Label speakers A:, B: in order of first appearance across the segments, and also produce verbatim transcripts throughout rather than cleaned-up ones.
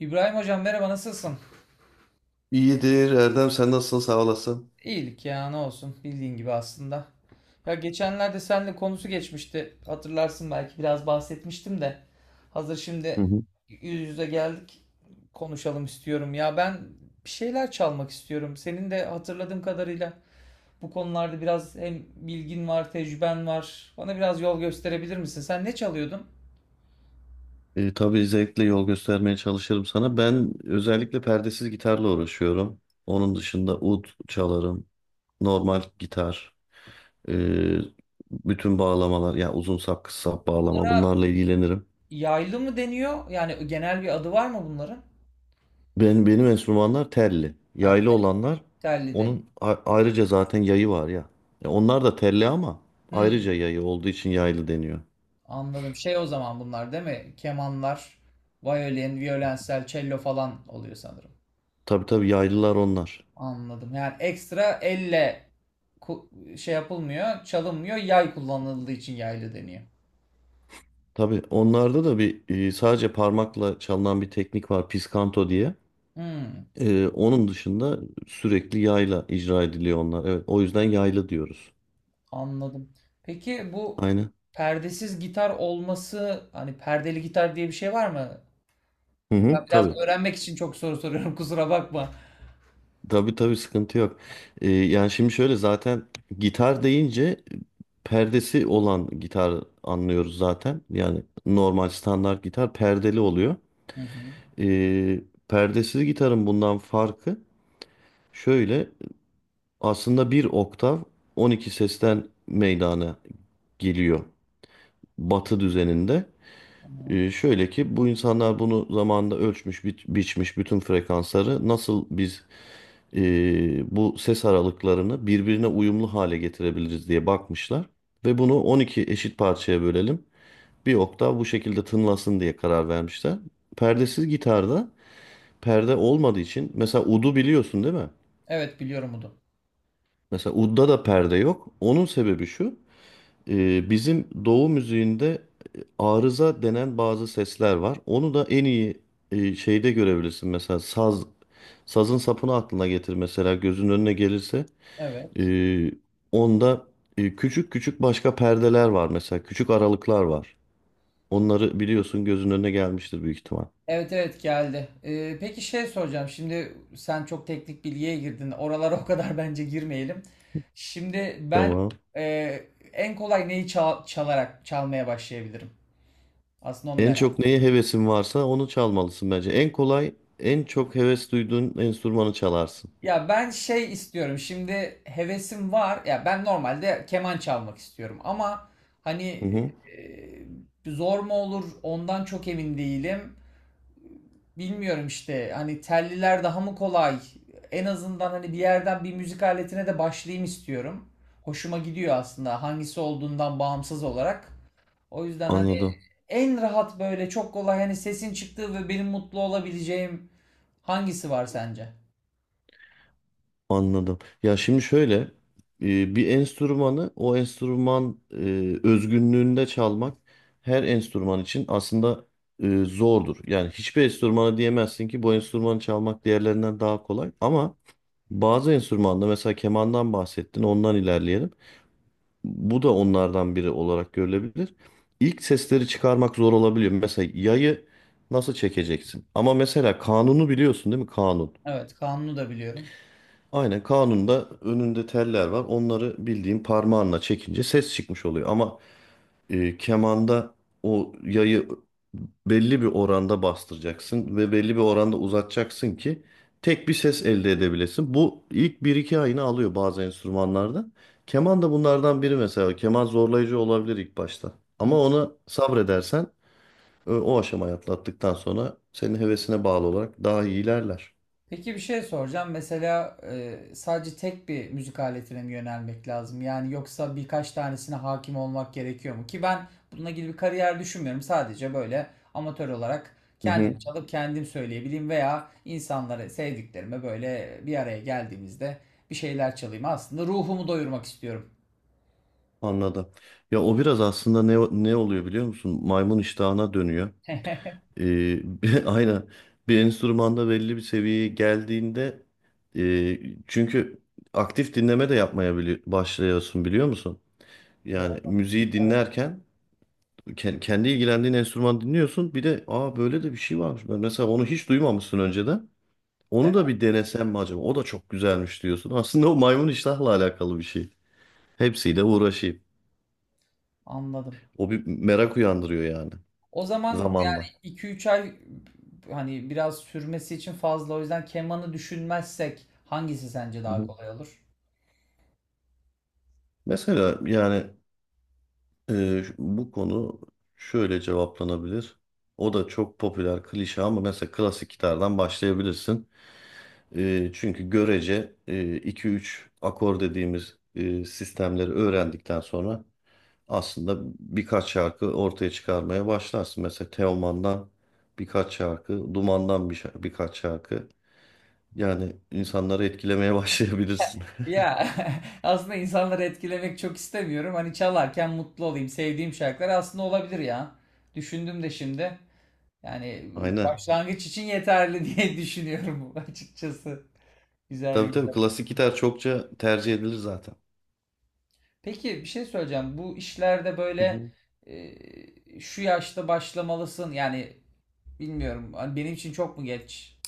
A: İbrahim hocam, merhaba, nasılsın?
B: İyidir Erdem, sen nasılsın, sağ olasın.
A: İyilik ya, ne olsun, bildiğin gibi aslında. Ya geçenlerde seninle konusu geçmişti. Hatırlarsın, belki biraz bahsetmiştim de. Hazır şimdi yüz yüze geldik. Konuşalım istiyorum. Ya ben bir şeyler çalmak istiyorum. Senin de hatırladığım kadarıyla bu konularda biraz hem bilgin var, tecrüben var. Bana biraz yol gösterebilir misin? Sen ne çalıyordun?
B: E, tabii zevkle yol göstermeye çalışırım sana. Ben özellikle perdesiz gitarla uğraşıyorum. Onun dışında ud çalarım, normal gitar, e, bütün bağlamalar yani uzun sap kısa sap bağlama bunlarla ilgilenirim.
A: Yaylı mı deniyor? Yani genel bir adı var mı bunların?
B: Ben, benim enstrümanlar telli.
A: Ha,
B: Yaylı olanlar
A: telli deniyor.
B: onun a- ayrıca zaten yayı var ya. Ya onlar da telli ama ayrıca
A: Hmm.
B: yayı olduğu için yaylı deniyor.
A: Anladım. Şey, o zaman bunlar değil mi? Kemanlar, violin, violensel, cello falan oluyor sanırım.
B: Tabii tabii yaylılar onlar.
A: Anladım. Yani ekstra elle ku- şey yapılmıyor, çalınmıyor. Yay kullanıldığı için yaylı deniyor.
B: Tabii onlarda da bir e, sadece parmakla çalınan bir teknik var piskanto diye.
A: Hmm,
B: E, onun dışında sürekli yayla icra ediliyor onlar. Evet, o yüzden yaylı diyoruz.
A: anladım. Peki bu
B: Aynen.
A: perdesiz gitar olması, hani perdeli gitar diye bir şey var mı?
B: Hı
A: Ben
B: hı,
A: biraz
B: tabii.
A: öğrenmek için çok soru soruyorum, kusura bakma.
B: Tabii tabii sıkıntı yok. E, yani şimdi şöyle zaten gitar deyince perdesi olan gitar anlıyoruz zaten. Yani normal standart gitar perdeli oluyor.
A: Hı hı,
B: E, Perdesiz gitarın bundan farkı şöyle. Aslında bir oktav on iki sesten meydana geliyor Batı düzeninde.
A: tamam.
B: Ee, şöyle ki bu insanlar bunu zamanında ölçmüş, bi- biçmiş bütün frekansları nasıl biz e, bu ses aralıklarını birbirine uyumlu hale getirebiliriz diye bakmışlar. Ve bunu on iki eşit parçaya bölelim. Bir oktav bu şekilde tınlasın diye karar vermişler. Perdesiz gitarda perde olmadığı için mesela udu biliyorsun değil mi?
A: Evet, biliyorum bunu.
B: Mesela udda da perde yok. Onun sebebi şu. Ee, bizim doğu müziğinde e, arıza denen bazı sesler var. Onu da en iyi e, şeyde görebilirsin. Mesela saz, sazın sapını aklına getir mesela, gözünün önüne gelirse.
A: Evet.
B: Ee, Onda e, küçük küçük başka perdeler var mesela. Küçük aralıklar var. Onları biliyorsun, gözünün önüne gelmiştir büyük ihtimal.
A: Evet evet, geldi. Ee, peki şey soracağım. Şimdi sen çok teknik bilgiye girdin. Oralara o kadar bence girmeyelim. Şimdi ben
B: Tamam.
A: e, en kolay neyi çal- çalarak çalmaya başlayabilirim? Aslında onu
B: En çok
A: merak.
B: neye hevesin varsa onu çalmalısın bence. En kolay, en çok heves duyduğun enstrümanı çalarsın.
A: Ya ben şey istiyorum. Şimdi hevesim var. Ya ben normalde keman çalmak istiyorum ama
B: Hı
A: hani
B: hı,
A: e, zor mu olur ondan çok emin değilim. Bilmiyorum işte, hani telliler daha mı kolay? En azından hani bir yerden bir müzik aletine de başlayayım istiyorum. Hoşuma gidiyor aslında hangisi olduğundan bağımsız olarak. O yüzden hani
B: anladım.
A: en rahat böyle çok kolay, hani sesin çıktığı ve benim mutlu olabileceğim hangisi var sence?
B: Anladım. Ya şimdi şöyle, e, bir enstrümanı o enstrüman e, özgünlüğünde çalmak her enstrüman için aslında e, zordur. Yani hiçbir enstrümana diyemezsin ki bu enstrümanı çalmak diğerlerinden daha kolay. Ama bazı enstrümanda mesela kemandan bahsettin, ondan ilerleyelim. Bu da onlardan biri olarak görülebilir. İlk sesleri çıkarmak zor olabiliyor. Mesela yayı nasıl çekeceksin? Ama mesela kanunu biliyorsun değil mi? Kanun.
A: Evet, kanunu da biliyorum.
B: Aynen, kanunda önünde teller var. Onları bildiğin parmağınla çekince ses çıkmış oluyor. Ama e, kemanda o yayı belli bir oranda bastıracaksın ve belli bir oranda uzatacaksın ki tek bir ses elde edebilesin. Bu ilk bir iki ayını alıyor bazı enstrümanlarda. Keman da bunlardan biri mesela. Keman zorlayıcı olabilir ilk başta. Ama ona sabredersen e, o aşamayı atlattıktan sonra senin hevesine bağlı olarak daha iyi ilerler.
A: Peki bir şey soracağım. Mesela e, sadece tek bir müzik aletine mi yönelmek lazım? Yani yoksa birkaç tanesine hakim olmak gerekiyor mu? Ki ben bununla ilgili bir kariyer düşünmüyorum. Sadece böyle amatör olarak kendim çalıp kendim söyleyebileyim veya insanlara, sevdiklerime, böyle bir araya geldiğimizde bir şeyler çalayım. Aslında ruhumu doyurmak istiyorum.
B: Anladım. Ya o biraz aslında ne ne oluyor biliyor musun? Maymun iştahına dönüyor. Ee, bir- aynen. Bir enstrümanda belli bir seviyeye geldiğinde, e, çünkü aktif dinleme de yapmaya bili- başlıyorsun biliyor musun? Yani
A: Doğru.
B: müziği
A: Evet,
B: dinlerken ke- kendi ilgilendiğin enstrüman dinliyorsun. Bir de, aa, böyle de bir şey varmış. Ben mesela onu hiç duymamışsın önceden.
A: değil
B: Onu da
A: mi?
B: bir denesem mi acaba? O da çok güzelmiş diyorsun. Aslında o maymun iştahla alakalı bir şey. Hepsiyle uğraşayım.
A: Anladım.
B: O bir merak uyandırıyor yani.
A: O zaman yani
B: Zamanla.
A: iki üç ay, hani biraz sürmesi için fazla. O yüzden kemanı düşünmezsek hangisi sence
B: Hı
A: daha
B: hı.
A: kolay olur?
B: Mesela yani, e, şu- bu konu şöyle cevaplanabilir. O da çok popüler klişe ama mesela klasik gitardan başlayabilirsin. E, çünkü görece iki üç akor dediğimiz e, sistemleri öğrendikten sonra aslında birkaç şarkı ortaya çıkarmaya başlarsın. Mesela Teoman'dan birkaç şarkı, Duman'dan bir şa- birkaç şarkı. Yani insanları etkilemeye başlayabilirsin.
A: Ya, aslında insanları etkilemek çok istemiyorum. Hani çalarken mutlu olayım. Sevdiğim şarkılar aslında olabilir ya. Düşündüm de şimdi. Yani
B: Aynen.
A: başlangıç için yeterli diye düşünüyorum açıkçası. Güzel
B: Tabii tabii
A: güzel.
B: klasik gitar çokça tercih edilir zaten.
A: Peki bir şey söyleyeceğim. Bu işlerde
B: Hı
A: böyle
B: hı.
A: e, şu yaşta başlamalısın. Yani bilmiyorum, hani benim için çok mu geç?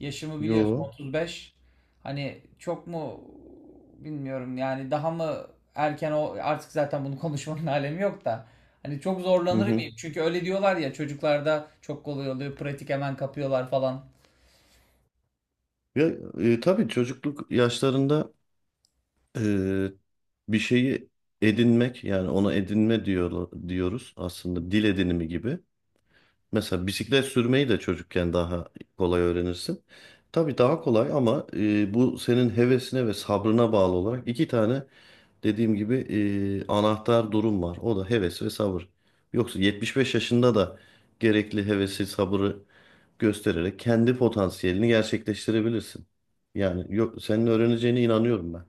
A: Yaşımı Hı biliyorsun. hı.
B: Yo.
A: otuz beş. Hani çok mu bilmiyorum. Yani daha mı erken, o artık zaten bunu konuşmanın alemi yok da. Hani çok
B: Hı
A: zorlanır Hı.
B: hı.
A: mıyım? Çünkü öyle diyorlar ya, çocuklarda çok kolay oluyor. Pratik hemen kapıyorlar falan.
B: Ya, e, tabii çocukluk yaşlarında e, bir şeyi edinmek, yani ona edinme diyor, diyoruz aslında, dil edinimi gibi. Mesela bisiklet sürmeyi de çocukken daha kolay öğrenirsin. Tabii daha kolay ama e, bu senin hevesine ve sabrına bağlı olarak iki tane dediğim gibi e, anahtar durum var. O da heves ve sabır. Yoksa yetmiş beş yaşında da gerekli hevesi, sabrı göstererek kendi potansiyelini gerçekleştirebilirsin. Yani yok, senin öğreneceğine inanıyorum ben.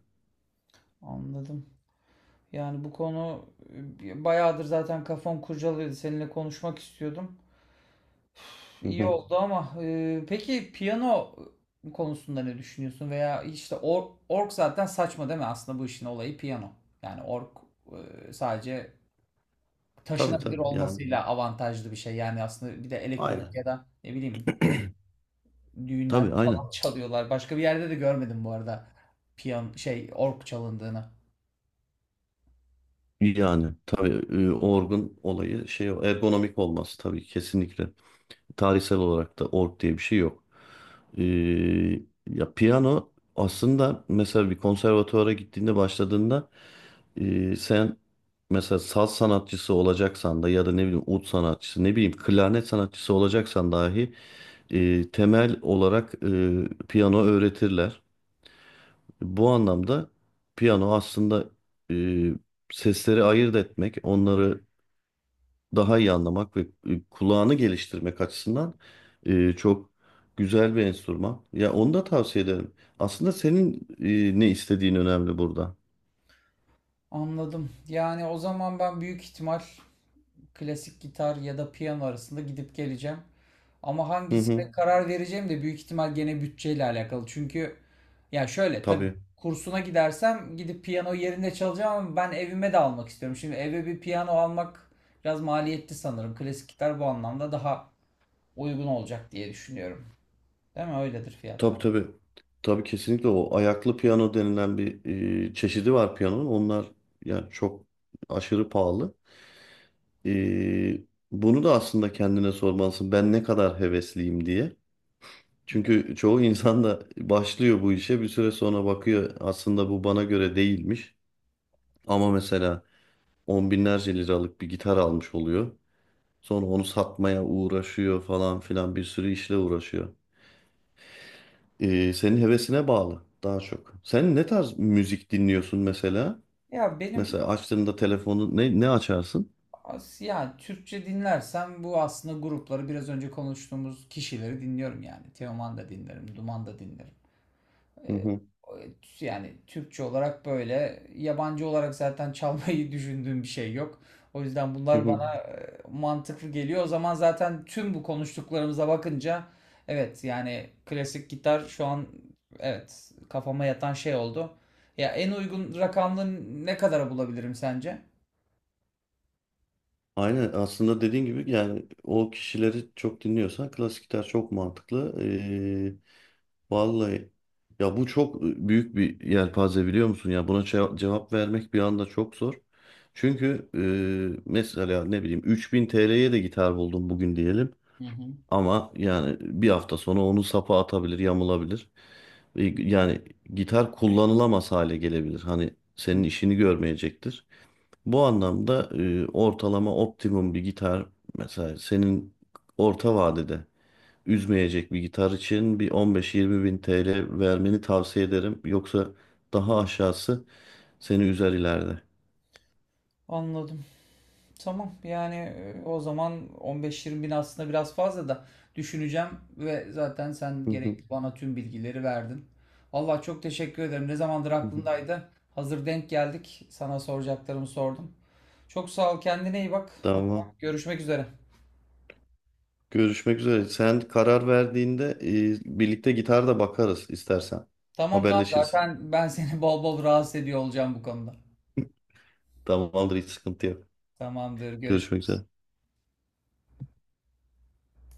A: Anladım. Yani bu konu e, bayağıdır zaten kafam kurcalıyordu. Seninle konuşmak istiyordum.
B: Hı
A: İyi
B: hı.
A: oldu ama. E, peki piyano konusunda ne düşünüyorsun? Veya işte org, org zaten saçma değil mi? Aslında bu işin olayı piyano. Yani org e, sadece
B: Tabii
A: taşınabilir
B: tabii yani.
A: olmasıyla avantajlı bir şey. Yani aslında bir de elektronik
B: Aynen.
A: ya da ne bileyim. Düğünlerde
B: Tabii aynen.
A: falan çalıyorlar. Başka bir yerde de görmedim bu arada. Piyan, şey, org çalındığını.
B: Yani tabii, e, orgun olayı şey o, ergonomik olması tabii kesinlikle. Tarihsel olarak da org diye bir şey yok. Ee, Ya piyano aslında mesela bir konservatuvara gittiğinde başladığında, e, sen mesela saz sanatçısı olacaksan da ya da ne bileyim ud sanatçısı ne bileyim klarnet sanatçısı olacaksan dahi e, temel olarak e, piyano öğretirler. Bu anlamda piyano aslında e, sesleri ayırt etmek, onları daha iyi anlamak ve e, kulağını geliştirmek açısından e, çok güzel bir enstrüman. Ya onu da tavsiye ederim. Aslında senin e, ne istediğin önemli burada.
A: Anladım. Yani o zaman ben büyük ihtimal klasik gitar ya da piyano arasında gidip geleceğim. Ama
B: Hı
A: hangisine
B: hı,
A: karar vereceğim de büyük ihtimal gene bütçeyle alakalı. Çünkü ya şöyle, tabii
B: tabii.
A: kursuna gidersem gidip piyano yerinde çalacağım ama ben evime de almak istiyorum. Şimdi eve bir piyano almak biraz maliyetli sanırım. Klasik gitar bu anlamda daha uygun olacak diye düşünüyorum. Değil mi? Öyledir fiyatlar.
B: Tabii tabii. Tabii kesinlikle o ayaklı piyano denilen bir e, çeşidi var piyanonun. Onlar yani çok aşırı pahalı. E, Bunu da aslında kendine sormalısın. Ben ne kadar hevesliyim diye. Çünkü çoğu insan da başlıyor bu işe, bir süre sonra bakıyor aslında bu bana göre değilmiş. Ama mesela on binlerce liralık bir gitar almış oluyor. Sonra onu satmaya uğraşıyor falan filan, bir sürü işle uğraşıyor. Ee, senin hevesine bağlı daha çok. Sen ne tarz müzik dinliyorsun mesela?
A: Ya benim
B: Mesela açtığında telefonu ne, ne açarsın?
A: as- ya, Türkçe dinlersem bu aslında grupları, biraz önce konuştuğumuz kişileri dinliyorum yani. Teoman da dinlerim, Duman da dinlerim.
B: Hı hı,
A: Ee, yani Türkçe olarak böyle, yabancı olarak zaten çalmayı düşündüğüm bir şey yok. O yüzden
B: hı
A: bunlar
B: hı.
A: bana e, mantıklı geliyor. O zaman zaten tüm bu konuştuklarımıza bakınca evet yani klasik gitar şu an evet kafama yatan şey oldu. Ya en uygun rakamlı ne kadara bulabilirim sence?
B: Aynen, aslında dediğin gibi yani o kişileri çok dinliyorsan klasik gitar çok mantıklı. Vallahi, ya bu çok büyük bir yelpaze biliyor musun, ya buna ce- cevap vermek bir anda çok zor. Çünkü e, mesela ne bileyim üç bin T L'ye de gitar buldum bugün diyelim,
A: Hı hı.
B: ama yani bir hafta sonra onun sapı atabilir, yamulabilir. E, Yani gitar kullanılamaz hale gelebilir. Hani
A: Hı.
B: senin işini görmeyecektir. Bu anlamda e, ortalama optimum bir gitar, mesela senin orta vadede üzmeyecek bir gitar için bir on beş yirmi bin T L vermeni tavsiye ederim. Yoksa daha aşağısı seni üzer ileride.
A: Anladım. Tamam yani, e, o zaman on beş yirmi bin aslında biraz fazla da, düşüneceğim ve zaten sen
B: Hı hı,
A: gerekli bana tüm bilgileri verdin. Vallahi çok teşekkür ederim. Ne zamandır
B: hı hı.
A: aklımdaydı. Hazır denk geldik. Sana soracaklarımı sordum. Çok sağ ol. Kendine iyi bak. O zaman
B: Tamam.
A: görüşmek üzere.
B: Görüşmek üzere. Sen karar verdiğinde e, birlikte gitar da bakarız istersen.
A: Tamam tamam,
B: Haberleşiriz.
A: zaten ben seni bol bol rahatsız ediyor olacağım bu konuda.
B: Tamamdır, hiç sıkıntı yok.
A: Tamamdır.
B: Görüşmek
A: Görüşürüz.
B: üzere.